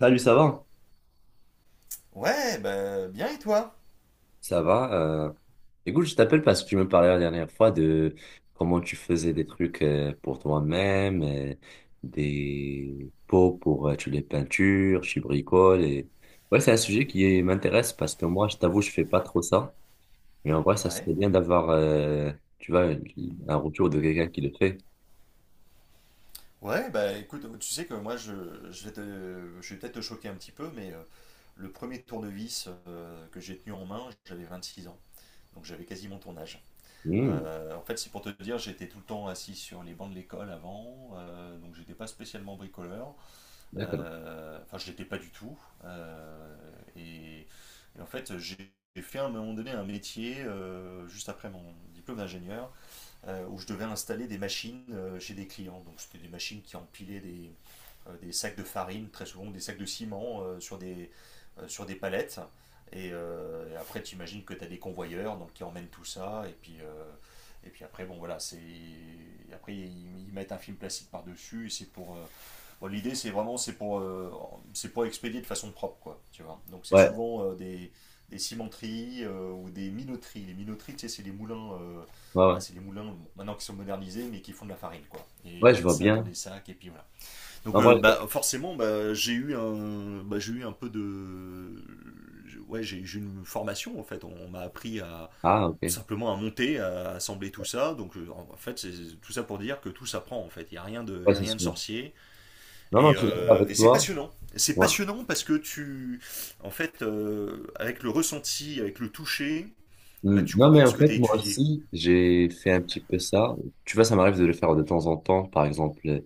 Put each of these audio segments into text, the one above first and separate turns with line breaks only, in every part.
Salut, ça va?
Ouais, bah bien et toi?
Ça va. euh, Écoute, je t'appelle parce que tu me parlais la dernière fois de comment tu faisais des trucs pour toi-même, des pots pour tu les peintures, tu bricoles. Ouais, c'est un sujet qui m'intéresse parce que moi, je t'avoue, je fais pas trop ça. Mais en vrai, ça
Ouais.
serait bien d'avoir, tu vois, un retour de quelqu'un qui le fait.
Ouais, bah écoute, tu sais que moi je vais peut-être te choquer un petit peu, mais le premier tournevis que j'ai tenu en main, j'avais 26 ans, donc j'avais quasiment mon ton âge.
Hmm,
En fait, c'est pour te dire, j'étais tout le temps assis sur les bancs de l'école avant, donc j'étais pas spécialement bricoleur,
d'accord.
enfin je l'étais pas du tout. Euh, et, et en fait j'ai fait à un moment donné un métier juste après mon diplôme d'ingénieur où je devais installer des machines chez des clients. Donc c'était des machines qui empilaient des sacs de farine, très souvent des sacs de ciment sur des palettes. Et après, tu imagines que tu as des convoyeurs donc, qui emmènent tout ça. Et puis après, bon voilà, c'est. Après, ils mettent un film plastique par-dessus et c'est pour, bon, l'idée, c'est vraiment, c'est pour expédier de façon propre, quoi, tu vois. Donc, c'est
Ouais,
souvent des cimenteries ou des minoteries. Les minoteries, tu sais, c'est les moulins,
ouais, ouais.
bah, c'est les moulins, bon, maintenant qui sont modernisés, mais qui font de la farine, quoi. Et ils
Ouais, je
mettent
vois
ça dans
bien.
des sacs, et puis voilà. Donc,
En vrai, je vois.
bah, forcément, bah, j'ai eu un, bah, j'ai eu un peu de, ouais, j'ai eu une formation, en fait. On m'a appris à,
Ah, ok.
tout
Ouais,
simplement à monter, à assembler tout ça. Donc, en fait, c'est tout ça pour dire que tout s'apprend, en fait. Il y a rien de, il y a
c'est
rien de
sûr.
sorcier.
Non, non,
Et,
je suis d'accord
euh, et
avec
c'est
toi.
passionnant. C'est
Ouais.
passionnant parce que tu, en fait, avec le ressenti, avec le toucher, bah,
Hmm,
tu
non, mais
comprends
en
ce que tu as
fait, moi
étudié
aussi, j'ai fait un petit peu ça. Tu vois, ça m'arrive de le faire de temps en temps, par exemple,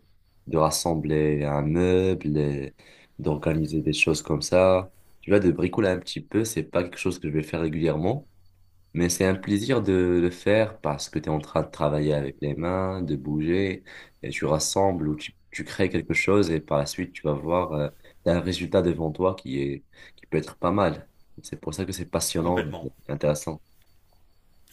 de rassembler un meuble, d'organiser des choses comme ça. Tu vois, de bricoler un petit peu, c'est pas quelque chose que je vais faire régulièrement, mais c'est un plaisir de le faire parce que tu es en train de travailler avec les mains, de bouger, et tu rassembles ou tu crées quelque chose et par la suite, tu vas voir, t'as un résultat devant toi qui est, qui peut être pas mal. C'est pour ça que c'est passionnant,
complètement.
intéressant.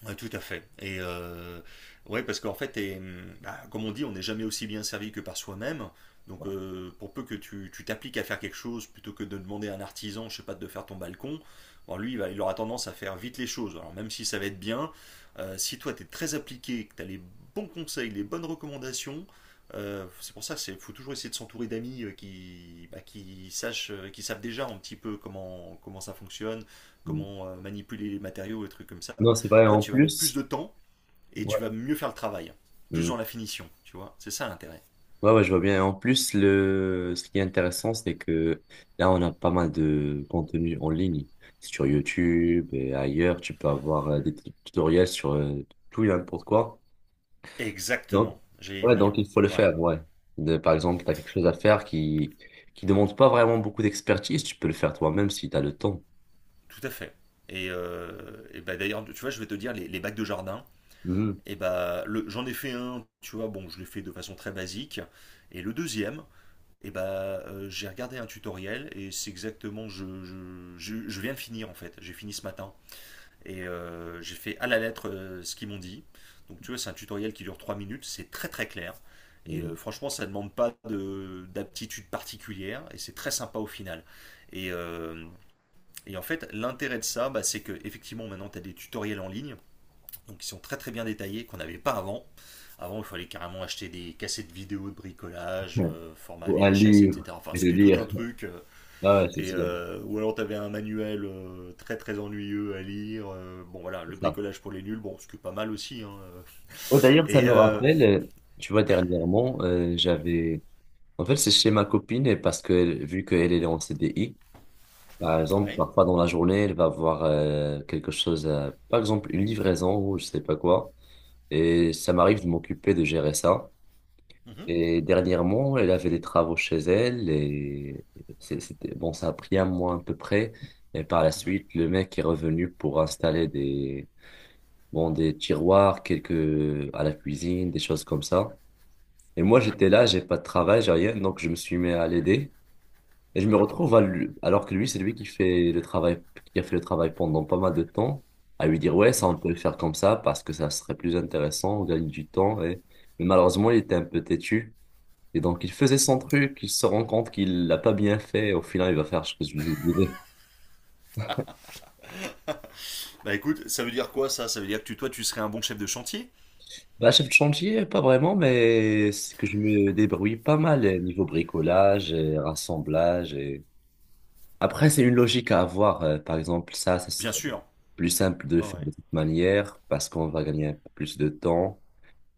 Ouais, tout à fait. Et ouais, parce qu'en fait, t'es, bah, comme on dit, on n'est jamais aussi bien servi que par soi-même. Donc, pour peu que tu t'appliques à faire quelque chose, plutôt que de demander à un artisan, je sais pas, de faire ton balcon, bon, lui, il aura tendance à faire vite les choses. Alors, même si ça va être bien, si toi, tu es très appliqué, que tu as les bons conseils, les bonnes recommandations, c'est pour ça qu'il faut toujours essayer de s'entourer d'amis qui, bah, qui savent déjà un petit peu comment ça fonctionne,
Mmh.
comment manipuler les matériaux et trucs comme ça.
Non, c'est vrai,
Toi,
en
tu vas mettre plus
plus,
de temps et tu vas
ouais.
mieux faire le travail. Plus
Mm.
dans la finition, tu vois. C'est ça l'intérêt.
Ouais, ouais, je vois bien. En plus, ce qui est intéressant, c'est que là, on a pas mal de contenu en ligne. Sur YouTube et ailleurs, tu peux avoir tutoriels sur tout et n'importe quoi. Donc,
Exactement. J'allais y
ouais, donc
venir.
il faut le
Ouais,
faire, ouais. Par exemple, tu as quelque chose à faire qui demande pas vraiment beaucoup d'expertise, tu peux le faire toi-même si tu as le temps.
tout à fait. Et bah, d'ailleurs, tu vois, je vais te dire, les bacs de jardin,
Mhm.
et bah, j'en ai fait un, tu vois, bon, je l'ai fait de façon très basique. Et le deuxième, et bah, j'ai regardé un tutoriel et c'est exactement, je viens de finir en fait. J'ai fini ce matin. Et j'ai fait à la lettre ce qu'ils m'ont dit. Donc tu vois, c'est un tutoriel qui dure 3 minutes, c'est très très clair. Et
Mhm.
franchement, ça ne demande pas d'aptitude particulière et c'est très sympa au final. Et, euh, et en fait, l'intérêt de ça, bah, c'est que effectivement maintenant, tu as des tutoriels en ligne donc, qui sont très très bien détaillés, qu'on n'avait pas avant. Avant, il fallait carrément acheter des cassettes vidéo de bricolage, format
Ou un
VHS,
livre,
etc. Enfin,
je veux
c'était tout un
dire.
truc.
Ah, ouais, c'est
Ou alors t'avais un manuel très très ennuyeux à lire. Bon, voilà, le
ça.
bricolage pour les nuls, bon, ce qui est pas mal aussi, hein.
Oh, d'ailleurs, ça
Et
me rappelle, tu vois, dernièrement, j'avais... En fait, c'est chez ma copine, et parce que vu qu'elle est en CDI par exemple,
ouais.
parfois dans la journée, elle va voir quelque chose, par exemple, une livraison ou je sais pas quoi, et ça m'arrive de m'occuper de gérer ça.
Mhm,
Et dernièrement, elle avait des travaux chez elle, et c'était... Bon, ça a pris un mois à peu près, et par la
mhm,
suite, le mec est revenu pour installer des... Bon, des tiroirs, quelques à la cuisine, des choses comme ça. Et moi,
mhm,
j'étais là, j'ai pas de travail, j'ai rien, donc je me suis mis à l'aider. Et je me
mhm,
retrouve à alors que lui, c'est lui qui fait le travail, qui a fait le travail pendant pas mal de temps, à lui dire, ouais, ça,
mhm.
on peut le faire comme ça parce que ça serait plus intéressant, on gagne du temps. Et... Mais malheureusement, il était un peu têtu. Et donc, il faisait son truc, il se rend compte qu'il l'a pas bien fait. Et au final, il va faire ce que je lui disais.
Bah écoute, ça veut dire quoi, ça? Ça veut dire que toi, tu serais un bon chef de chantier?
Bah, chef de chantier, pas vraiment, mais c'est que je me débrouille pas mal eh, niveau bricolage et rassemblage et après, c'est une logique à avoir. Par exemple, ça, ce
Bien
serait
sûr.
plus simple de le
Ouais,
faire
ouais.
de cette manière parce qu'on va gagner un peu plus de temps.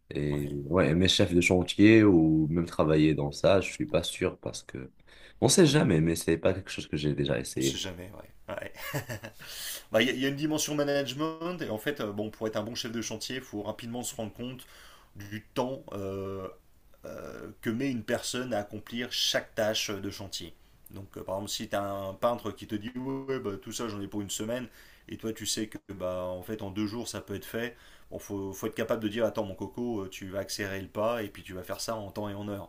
Et
Ouais.
ouais, mes chefs de chantier ou même travailler dans ça, je suis pas sûr parce que on sait jamais, mais c'est pas quelque chose que j'ai déjà
On sait
essayé.
jamais, ouais. Ouais. Bah, il y a une dimension management et en fait, bon, pour être un bon chef de chantier, il faut rapidement se rendre compte du temps, que met une personne à accomplir chaque tâche de chantier. Donc, par exemple, si tu as un peintre qui te dit: ouais, ouais, bah, tout ça, j'en ai pour une semaine, et toi, tu sais que bah, en fait, en 2 jours, ça peut être fait. Bon, faut être capable de dire: attends, mon coco, tu vas accélérer le pas, et puis tu vas faire ça en temps et en heure.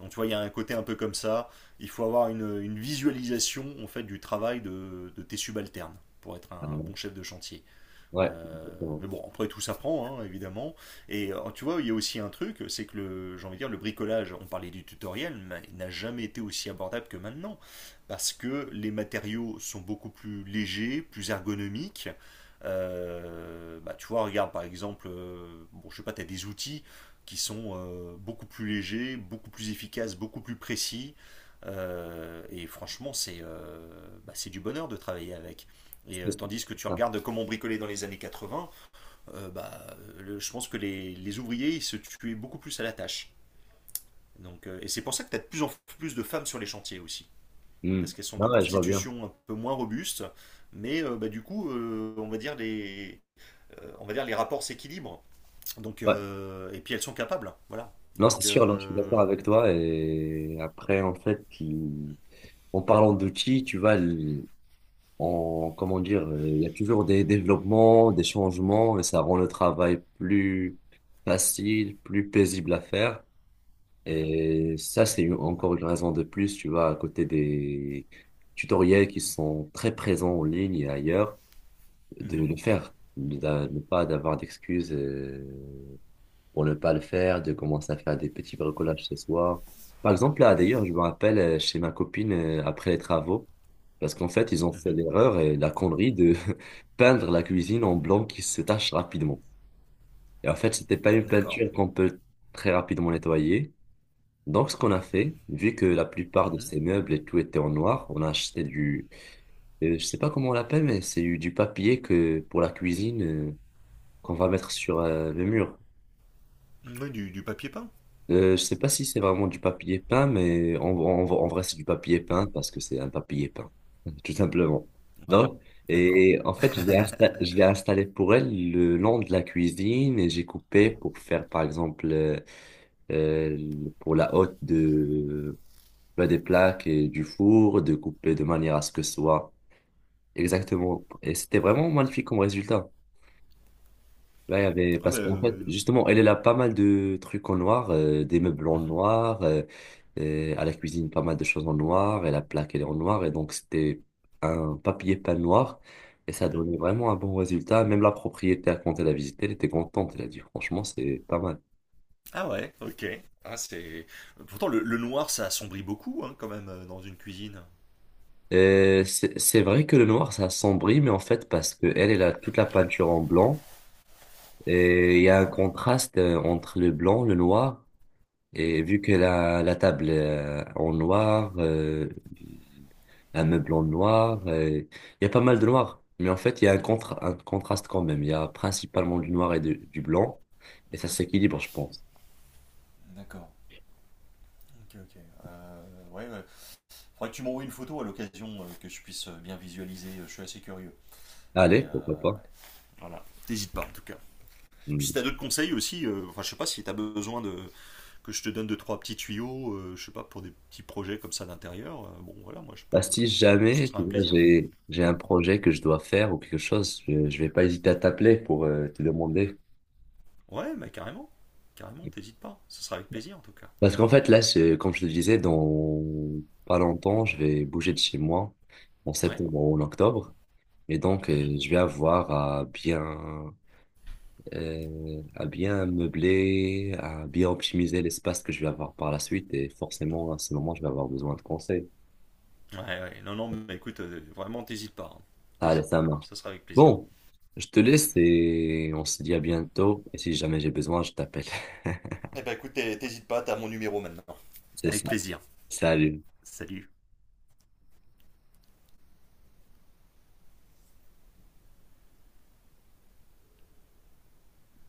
Donc, tu vois, il y a un côté un peu comme ça. Il faut avoir une visualisation en fait, du travail de tes subalternes pour être
Ah,
un bon chef de chantier.
ouais,
Euh,
exactement.
mais bon, après tout s'apprend, hein, évidemment. Et tu vois, il y a aussi un truc, c'est que le, j'ai envie de dire, le bricolage, on parlait du tutoriel, mais il n'a jamais été aussi abordable que maintenant, parce que les matériaux sont beaucoup plus légers, plus ergonomiques. Bah, tu vois, regarde par exemple, bon, je sais pas, tu as des outils qui sont beaucoup plus légers, beaucoup plus efficaces, beaucoup plus précis. Et franchement, c'est du bonheur de travailler avec. Et tandis que
C'est
tu
ça.
regardes comment on bricolait dans les années 80, bah, je pense que les ouvriers ils se tuaient beaucoup plus à la tâche. Donc, et c'est pour ça que tu as de plus en plus de femmes sur les chantiers aussi.
Hmm.
Parce qu'elles sont de
Non, ouais, je vois bien.
constitution un peu moins robuste, mais bah, du coup, on va dire les rapports s'équilibrent. Donc,
Ouais.
et puis elles sont capables, voilà.
Non, c'est
Donc,
sûr, non, je suis d'accord avec toi. Et après, en fait, en parlant d'outils, tu vois, on, comment dire, il y a toujours des développements, des changements, et ça rend le travail plus facile, plus paisible à faire.
mhm,
Et ça, c'est encore une raison de plus, tu vois, à côté des tutoriels qui sont très présents en ligne et ailleurs, de
mhm,
le faire, de ne pas d'avoir d'excuses. Pour ne pas le faire, de commencer à faire des petits bricolages ce soir. Par exemple, là, d'ailleurs, je me rappelle chez ma copine après les travaux, parce qu'en fait, ils ont fait
mhm,
l'erreur et la connerie de peindre la cuisine en blanc qui se tache rapidement. Et en fait, c'était pas une
d'accord.
peinture qu'on peut très rapidement nettoyer. Donc, ce qu'on a fait, vu que la plupart de
Mhm.
ces meubles et tout était en noir, on a acheté du, je sais pas comment on l'appelle, mais c'est du papier que pour la cuisine qu'on va mettre sur le mur.
Ouais, du papier peint.
Je sais pas si c'est vraiment du papier peint, mais en vrai, c'est du papier peint parce que c'est un papier peint, tout simplement.
Ouais,
Donc,
d'accord.
et en fait, je l'ai installé pour elle le long de la cuisine et j'ai coupé pour faire, par exemple, pour la haute de, bah, des plaques et du four, de couper de manière à ce que ce soit exactement. Et c'était vraiment magnifique comme résultat. Là, il y avait,
Ah bah,
parce qu'en fait, justement, elle a pas mal de trucs en noir, des meubles en
mhm,
noir, à la cuisine, pas mal de choses en noir, et la plaque, elle est en noir, et donc c'était un papier peint noir, et ça
mhm.
donnait vraiment un bon résultat. Même la propriétaire, quand elle a visité, elle était contente, elle a dit, franchement, c'est pas mal.
Ah ouais, ok. Ah, c'est... Pourtant, le noir, ça assombrit beaucoup, hein, quand même, dans une cuisine.
C'est vrai que le noir, ça assombrit, mais en fait, parce que elle a toute la peinture en blanc, et il y a un
Ouais.
contraste entre le blanc, le noir, et vu que la table en noir, un meuble en noir, il y a pas mal de noir. Mais en fait, il y a un, un contraste quand même. Il y a principalement du noir et du blanc. Et ça
Mhm.
s'équilibre, je pense.
D'accord. Ok, ok. Ouais, ouais. Faudrait que tu m'envoies une photo à l'occasion, que je puisse bien visualiser. Je suis assez curieux.
Allez,
Mais,
pourquoi pas.
voilà. T'hésites pas, en tout cas. Puis
Hmm.
si t'as d'autres conseils aussi, enfin, je sais pas si t'as besoin de que je te donne deux, trois petits tuyaux, je sais pas, pour des petits projets comme ça d'intérieur, bon, voilà, moi, je
Bah,
peux...
si
Ce
jamais,
sera
tu
un
vois,
plaisir.
j'ai un projet que je dois faire ou quelque chose, je vais pas hésiter à t'appeler pour te demander.
Ouais, mais carrément. Carrément, t'hésites pas. Ce sera avec plaisir, en tout cas.
Parce qu'en fait, là, comme je te disais, dans pas longtemps, je vais bouger de chez moi en
Ouais.
septembre ou en octobre. Et donc,
Mhm.
je vais avoir à bien meubler, à bien optimiser l'espace que je vais avoir par la suite. Et forcément, à ce moment, je vais avoir besoin de conseils.
Ouais, ouais. Non, non, mais écoute, vraiment, t'hésites pas, hein.
Allez,
T'hésites
ça
pas.
marche.
Ça sera avec plaisir.
Bon, je te laisse et on se dit à bientôt. Et si jamais j'ai besoin, je t'appelle.
Eh ben écoute, t'hésites pas, t'as mon numéro maintenant.
C'est
Avec
ça.
plaisir.
Salut.
Salut.